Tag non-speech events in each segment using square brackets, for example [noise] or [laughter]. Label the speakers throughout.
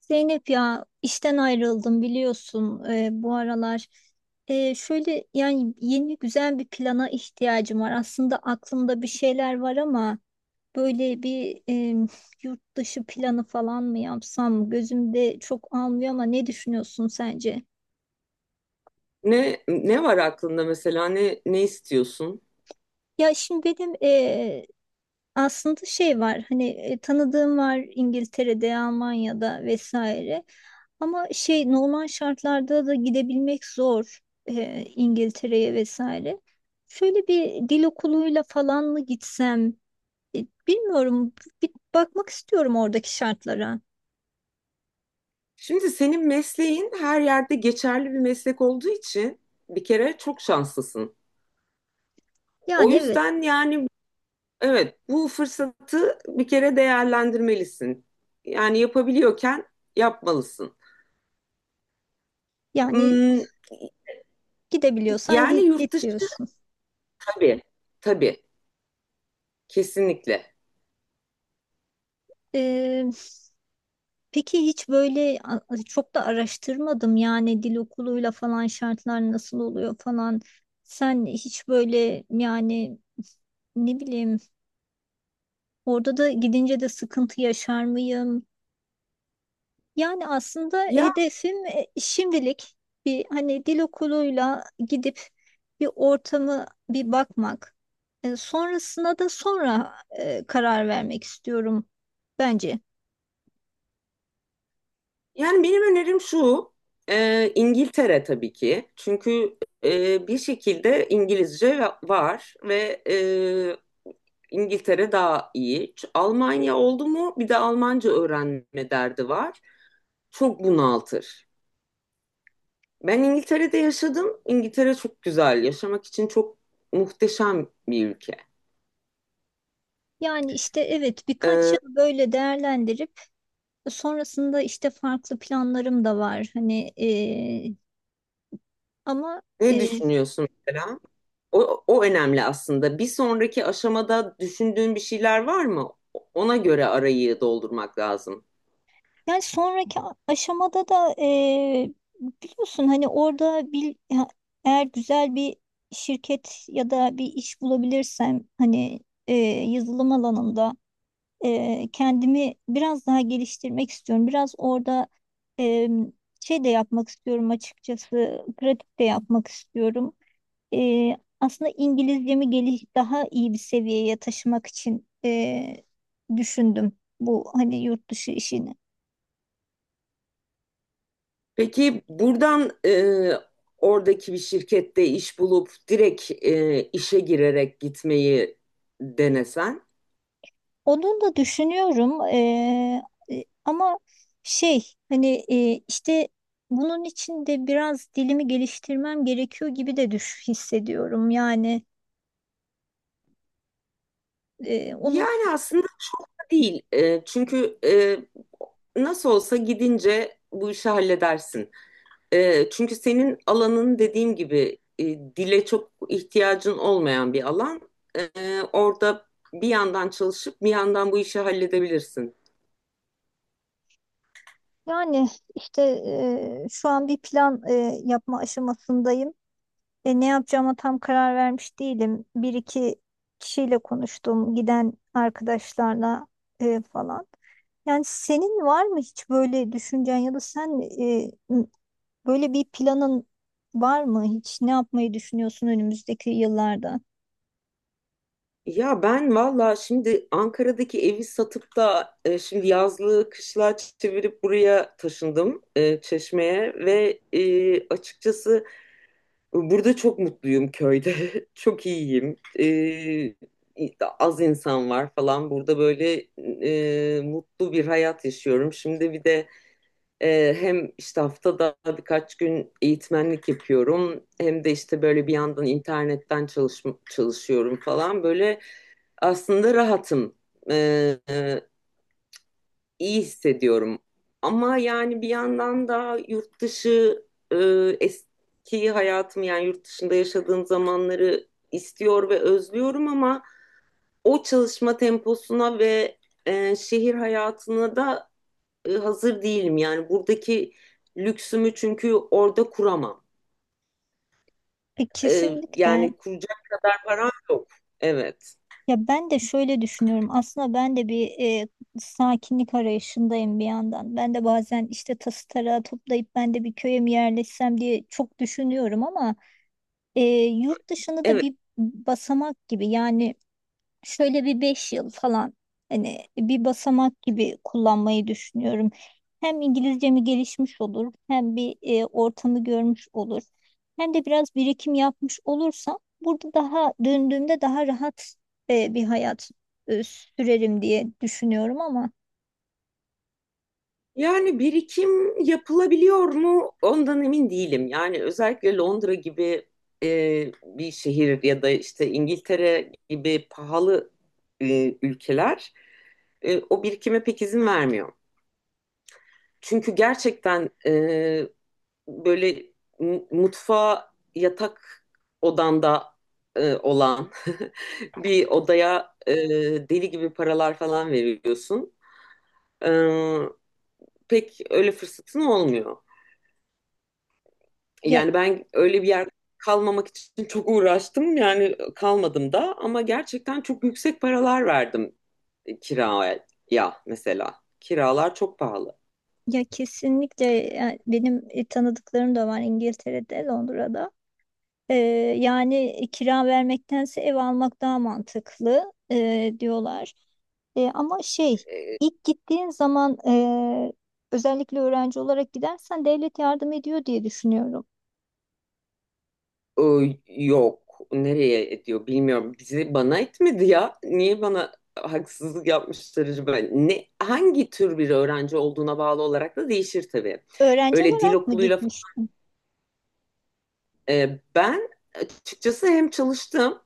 Speaker 1: Zeynep ya, işten ayrıldım biliyorsun bu aralar. Şöyle yani, yeni güzel bir plana ihtiyacım var. Aslında aklımda bir şeyler var ama böyle bir yurt dışı planı falan mı yapsam, gözümde çok almıyor ama ne düşünüyorsun, sence?
Speaker 2: Ne var aklında mesela ne istiyorsun?
Speaker 1: Ya şimdi benim aslında şey var, hani tanıdığım var İngiltere'de, Almanya'da vesaire. Ama şey, normal şartlarda da gidebilmek zor İngiltere'ye vesaire. Şöyle bir dil okuluyla falan mı gitsem? E, Bilmiyorum, bir bakmak istiyorum oradaki şartlara.
Speaker 2: Şimdi senin mesleğin her yerde geçerli bir meslek olduğu için bir kere çok şanslısın. O
Speaker 1: Yani evet.
Speaker 2: yüzden yani evet, bu fırsatı bir kere değerlendirmelisin. Yani yapabiliyorken yapmalısın.
Speaker 1: Yani
Speaker 2: Hmm,
Speaker 1: gidebiliyorsan
Speaker 2: yani
Speaker 1: git,
Speaker 2: yurt
Speaker 1: git
Speaker 2: dışı,
Speaker 1: diyorsun.
Speaker 2: tabii, tabii, kesinlikle.
Speaker 1: Peki hiç böyle çok da araştırmadım, yani dil okuluyla falan şartlar nasıl oluyor falan. Sen hiç böyle, yani ne bileyim, orada da gidince de sıkıntı yaşar mıyım? Yani aslında
Speaker 2: Ya
Speaker 1: hedefim şimdilik bir, hani dil okuluyla gidip bir ortamı bir bakmak. Sonrasına da sonra karar vermek istiyorum bence.
Speaker 2: Yani benim önerim şu, İngiltere tabii ki. Çünkü bir şekilde İngilizce var ve İngiltere daha iyi. Almanya oldu mu bir de Almanca öğrenme derdi var. Çok bunaltır. Ben İngiltere'de yaşadım. İngiltere çok güzel. Yaşamak için çok muhteşem bir ülke.
Speaker 1: Yani işte evet, birkaç yıl
Speaker 2: E,
Speaker 1: böyle değerlendirip sonrasında işte farklı planlarım da var. Hani ama
Speaker 2: Ne
Speaker 1: e,
Speaker 2: düşünüyorsun mesela? O önemli aslında. Bir sonraki aşamada düşündüğün bir şeyler var mı? Ona göre arayı doldurmak lazım.
Speaker 1: yani sonraki aşamada da biliyorsun hani orada eğer güzel bir şirket ya da bir iş bulabilirsem hani yazılım alanında kendimi biraz daha geliştirmek istiyorum. Biraz orada e, şey de yapmak istiyorum, açıkçası pratik de yapmak istiyorum. Aslında İngilizcemi geliş daha iyi bir seviyeye taşımak için düşündüm bu hani yurt dışı işini.
Speaker 2: Peki buradan oradaki bir şirkette iş bulup direkt işe girerek gitmeyi denesen?
Speaker 1: Onun da düşünüyorum ama şey, hani işte bunun için de biraz dilimi geliştirmem gerekiyor gibi de düş hissediyorum. Yani onu
Speaker 2: Yani aslında çok da değil. Çünkü nasıl olsa gidince bu işi halledersin. Çünkü senin alanın dediğim gibi, dile çok ihtiyacın olmayan bir alan. E, Orada bir yandan çalışıp bir yandan bu işi halledebilirsin.
Speaker 1: yani işte şu an bir plan yapma aşamasındayım. Ne yapacağıma tam karar vermiş değilim. Bir iki kişiyle konuştum, giden arkadaşlarla falan. Yani senin var mı hiç böyle düşüncen, ya da sen böyle bir planın var mı hiç? Ne yapmayı düşünüyorsun önümüzdeki yıllarda?
Speaker 2: Ya ben valla şimdi Ankara'daki evi satıp da şimdi yazlığı kışlığa çevirip buraya taşındım, Çeşme'ye, ve açıkçası burada çok mutluyum köyde. [laughs] Çok iyiyim. Az insan var falan. Burada böyle mutlu bir hayat yaşıyorum. Şimdi bir de hem işte haftada birkaç gün eğitmenlik yapıyorum. Hem de işte böyle bir yandan internetten çalışıyorum falan. Böyle aslında rahatım. Ee, iyi hissediyorum. Ama yani bir yandan da yurt dışı, e, eski hayatım, yani yurt dışında yaşadığım zamanları istiyor ve özlüyorum, ama o çalışma temposuna ve şehir hayatına da hazır değilim. Yani buradaki lüksümü çünkü orada kuramam. E, Yani
Speaker 1: Kesinlikle.
Speaker 2: kuracak param yok. Evet.
Speaker 1: Ya ben de şöyle düşünüyorum. Aslında ben de bir sakinlik arayışındayım bir yandan. Ben de bazen işte tası tarağı toplayıp ben de bir köye mi yerleşsem diye çok düşünüyorum ama e, yurt dışında da
Speaker 2: Evet.
Speaker 1: bir basamak gibi, yani şöyle bir 5 yıl falan hani bir basamak gibi kullanmayı düşünüyorum. Hem İngilizcemi gelişmiş olur, hem bir ortamı görmüş olur, hem de biraz birikim yapmış olursam burada daha döndüğümde daha rahat bir hayat sürerim diye düşünüyorum ama
Speaker 2: Yani birikim yapılabiliyor mu? Ondan emin değilim. Yani özellikle Londra gibi bir şehir ya da işte İngiltere gibi pahalı ülkeler o birikime pek izin vermiyor. Çünkü gerçekten, böyle, mutfağa yatak odanda olan [laughs] bir odaya deli gibi paralar falan veriyorsun. E, Pek öyle fırsatın olmuyor.
Speaker 1: ya
Speaker 2: Yani ben öyle bir yer kalmamak için çok uğraştım. Yani kalmadım da, ama gerçekten çok yüksek paralar verdim kiraya mesela. Kiralar çok pahalı.
Speaker 1: ya, kesinlikle. Yani benim tanıdıklarım da var İngiltere'de, Londra'da. Ee, yani kira vermektense ev almak daha mantıklı diyorlar. E, ama şey,
Speaker 2: E,
Speaker 1: ilk gittiğin zaman özellikle öğrenci olarak gidersen devlet yardım ediyor diye düşünüyorum.
Speaker 2: O, yok. Nereye ediyor bilmiyorum. Bizi bana etmedi ya. Niye bana haksızlık yapmışlar acaba? Ne, hangi tür bir öğrenci olduğuna bağlı olarak da değişir tabii.
Speaker 1: Öğrenci
Speaker 2: Öyle dil
Speaker 1: olarak mı
Speaker 2: okuluyla
Speaker 1: gitmiştin?
Speaker 2: ben açıkçası hem çalıştım,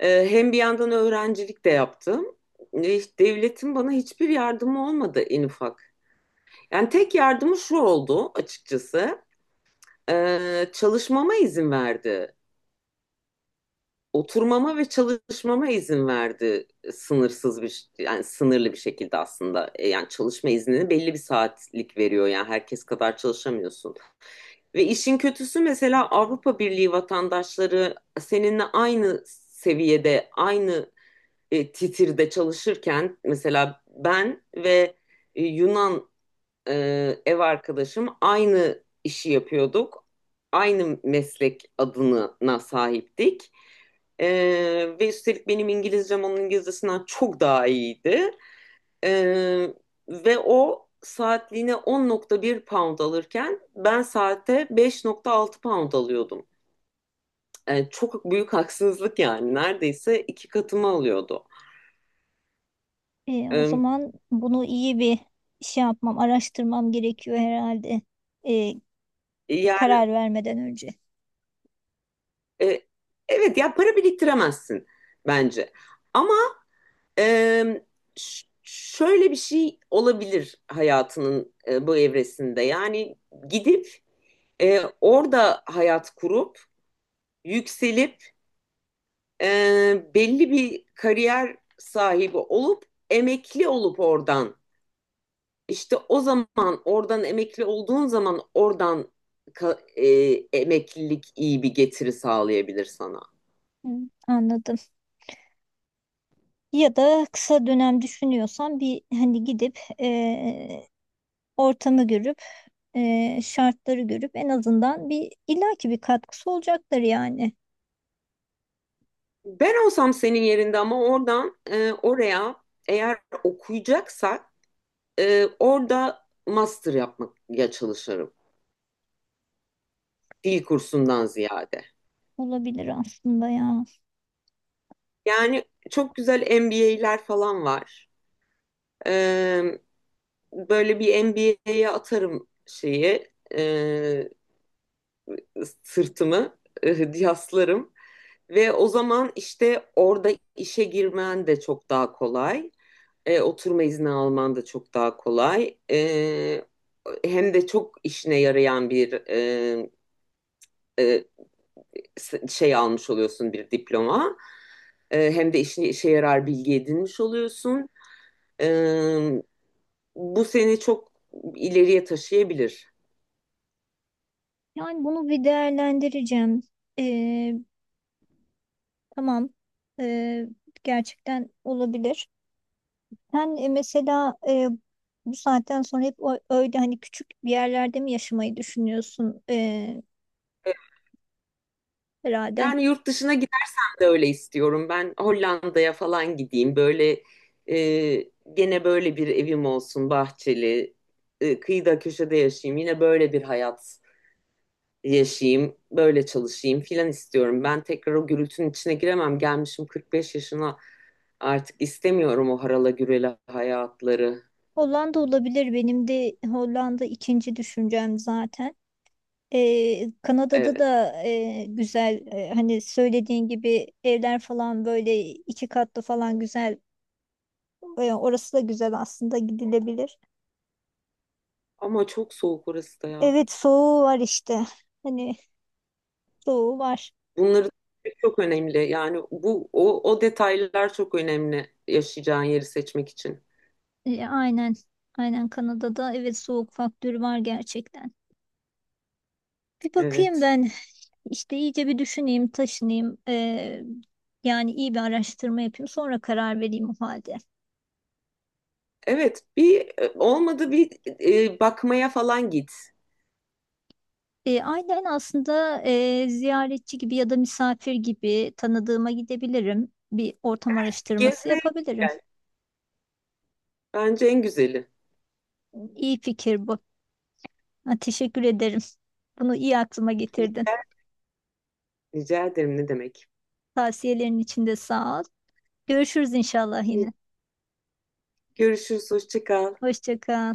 Speaker 2: hem bir yandan öğrencilik de yaptım. E, Devletin bana hiçbir yardımı olmadı en ufak. Yani tek yardımı şu oldu açıkçası. Çalışmama izin verdi. Oturmama ve çalışmama izin verdi, sınırsız bir, yani sınırlı bir şekilde aslında. Yani çalışma iznini belli bir saatlik veriyor, yani herkes kadar çalışamıyorsun, ve işin kötüsü mesela Avrupa Birliği vatandaşları seninle aynı seviyede, aynı titirde çalışırken, mesela ben ve Yunan e, ev arkadaşım aynı işi yapıyorduk. Aynı meslek adına sahiptik. E, Ve üstelik benim İngilizcem onun İngilizcesinden çok daha iyiydi. E, Ve o saatliğine 10.1 pound alırken ben saate 5.6 pound alıyordum. Çok büyük haksızlık yani. Neredeyse iki katımı alıyordu.
Speaker 1: O
Speaker 2: E,
Speaker 1: zaman bunu iyi bir şey yapmam, araştırmam gerekiyor herhalde. E,
Speaker 2: Yani,
Speaker 1: Karar vermeden önce.
Speaker 2: e, evet, ya para biriktiremezsin bence. Ama Ee, şöyle bir şey olabilir hayatının bu evresinde. Yani gidip orada hayat kurup, yükselip, e, belli bir kariyer sahibi olup, emekli olup oradan, işte o zaman oradan emekli olduğun zaman oradan ka- emeklilik iyi bir getiri sağlayabilir sana.
Speaker 1: Hı, anladım. Ya da kısa dönem düşünüyorsan, bir hani gidip ortamı görüp şartları görüp en azından bir, illaki bir katkısı olacaktır yani.
Speaker 2: Ben olsam senin yerinde, ama oradan oraya, eğer okuyacaksak, orada master yapmaya çalışırım. Dil kursundan ziyade.
Speaker 1: Olabilir aslında ya.
Speaker 2: Yani çok güzel MBA'ler falan var. Ee, Böyle bir MBA'ye atarım şeyi, e, sırtımı, yaslarım. Ve o zaman işte orada işe girmen de çok daha kolay. Oturma izni alman da çok daha kolay. Hem de çok işine yarayan bir e, şey almış oluyorsun, bir diploma. Hem de işe yarar bilgi edinmiş oluyorsun. E, Bu seni çok ileriye taşıyabilir.
Speaker 1: Yani bunu bir değerlendireceğim. Ee, tamam. Ee, gerçekten olabilir. Sen mesela bu saatten sonra hep öyle hani küçük bir yerlerde mi yaşamayı düşünüyorsun, ee, herhalde?
Speaker 2: Yani yurt dışına gidersen de öyle istiyorum. Ben Hollanda'ya falan gideyim. Böyle e, gene böyle bir evim olsun, bahçeli, kıyıda köşede yaşayayım. Yine böyle bir hayat yaşayayım, böyle çalışayım filan istiyorum. Ben tekrar o gürültünün içine giremem. Gelmişim 45 yaşına, artık istemiyorum o harala gürele hayatları.
Speaker 1: Hollanda olabilir. Benim de Hollanda ikinci düşüncem zaten. Kanada'da
Speaker 2: Evet.
Speaker 1: da güzel, hani söylediğin gibi evler falan böyle iki katlı falan güzel. Orası da güzel aslında, gidilebilir.
Speaker 2: Ama çok soğuk orası da ya.
Speaker 1: Evet, soğuğu var işte. Hani, soğuğu var.
Speaker 2: Bunları çok önemli. Yani bu o detaylar çok önemli yaşayacağın yeri seçmek için.
Speaker 1: E, aynen. Aynen, Kanada'da evet, soğuk faktörü var gerçekten. Bir bakayım
Speaker 2: Evet.
Speaker 1: ben işte, iyice bir düşüneyim, taşınayım. Yani iyi bir araştırma yapayım, sonra karar vereyim o halde.
Speaker 2: Evet, bir olmadı, bir bakmaya falan git.
Speaker 1: E, aynen. Aslında ziyaretçi gibi ya da misafir gibi tanıdığıma gidebilirim. Bir ortam araştırması
Speaker 2: Gezmeye
Speaker 1: yapabilirim.
Speaker 2: gel. Bence en güzeli.
Speaker 1: İyi fikir bu. Ha, teşekkür ederim. Bunu iyi aklıma getirdin.
Speaker 2: Rica, rica ederim ne demek.
Speaker 1: Tavsiyelerin için de sağ ol. Görüşürüz inşallah yine.
Speaker 2: Görüşürüz, hoşça kal.
Speaker 1: Hoşça kal.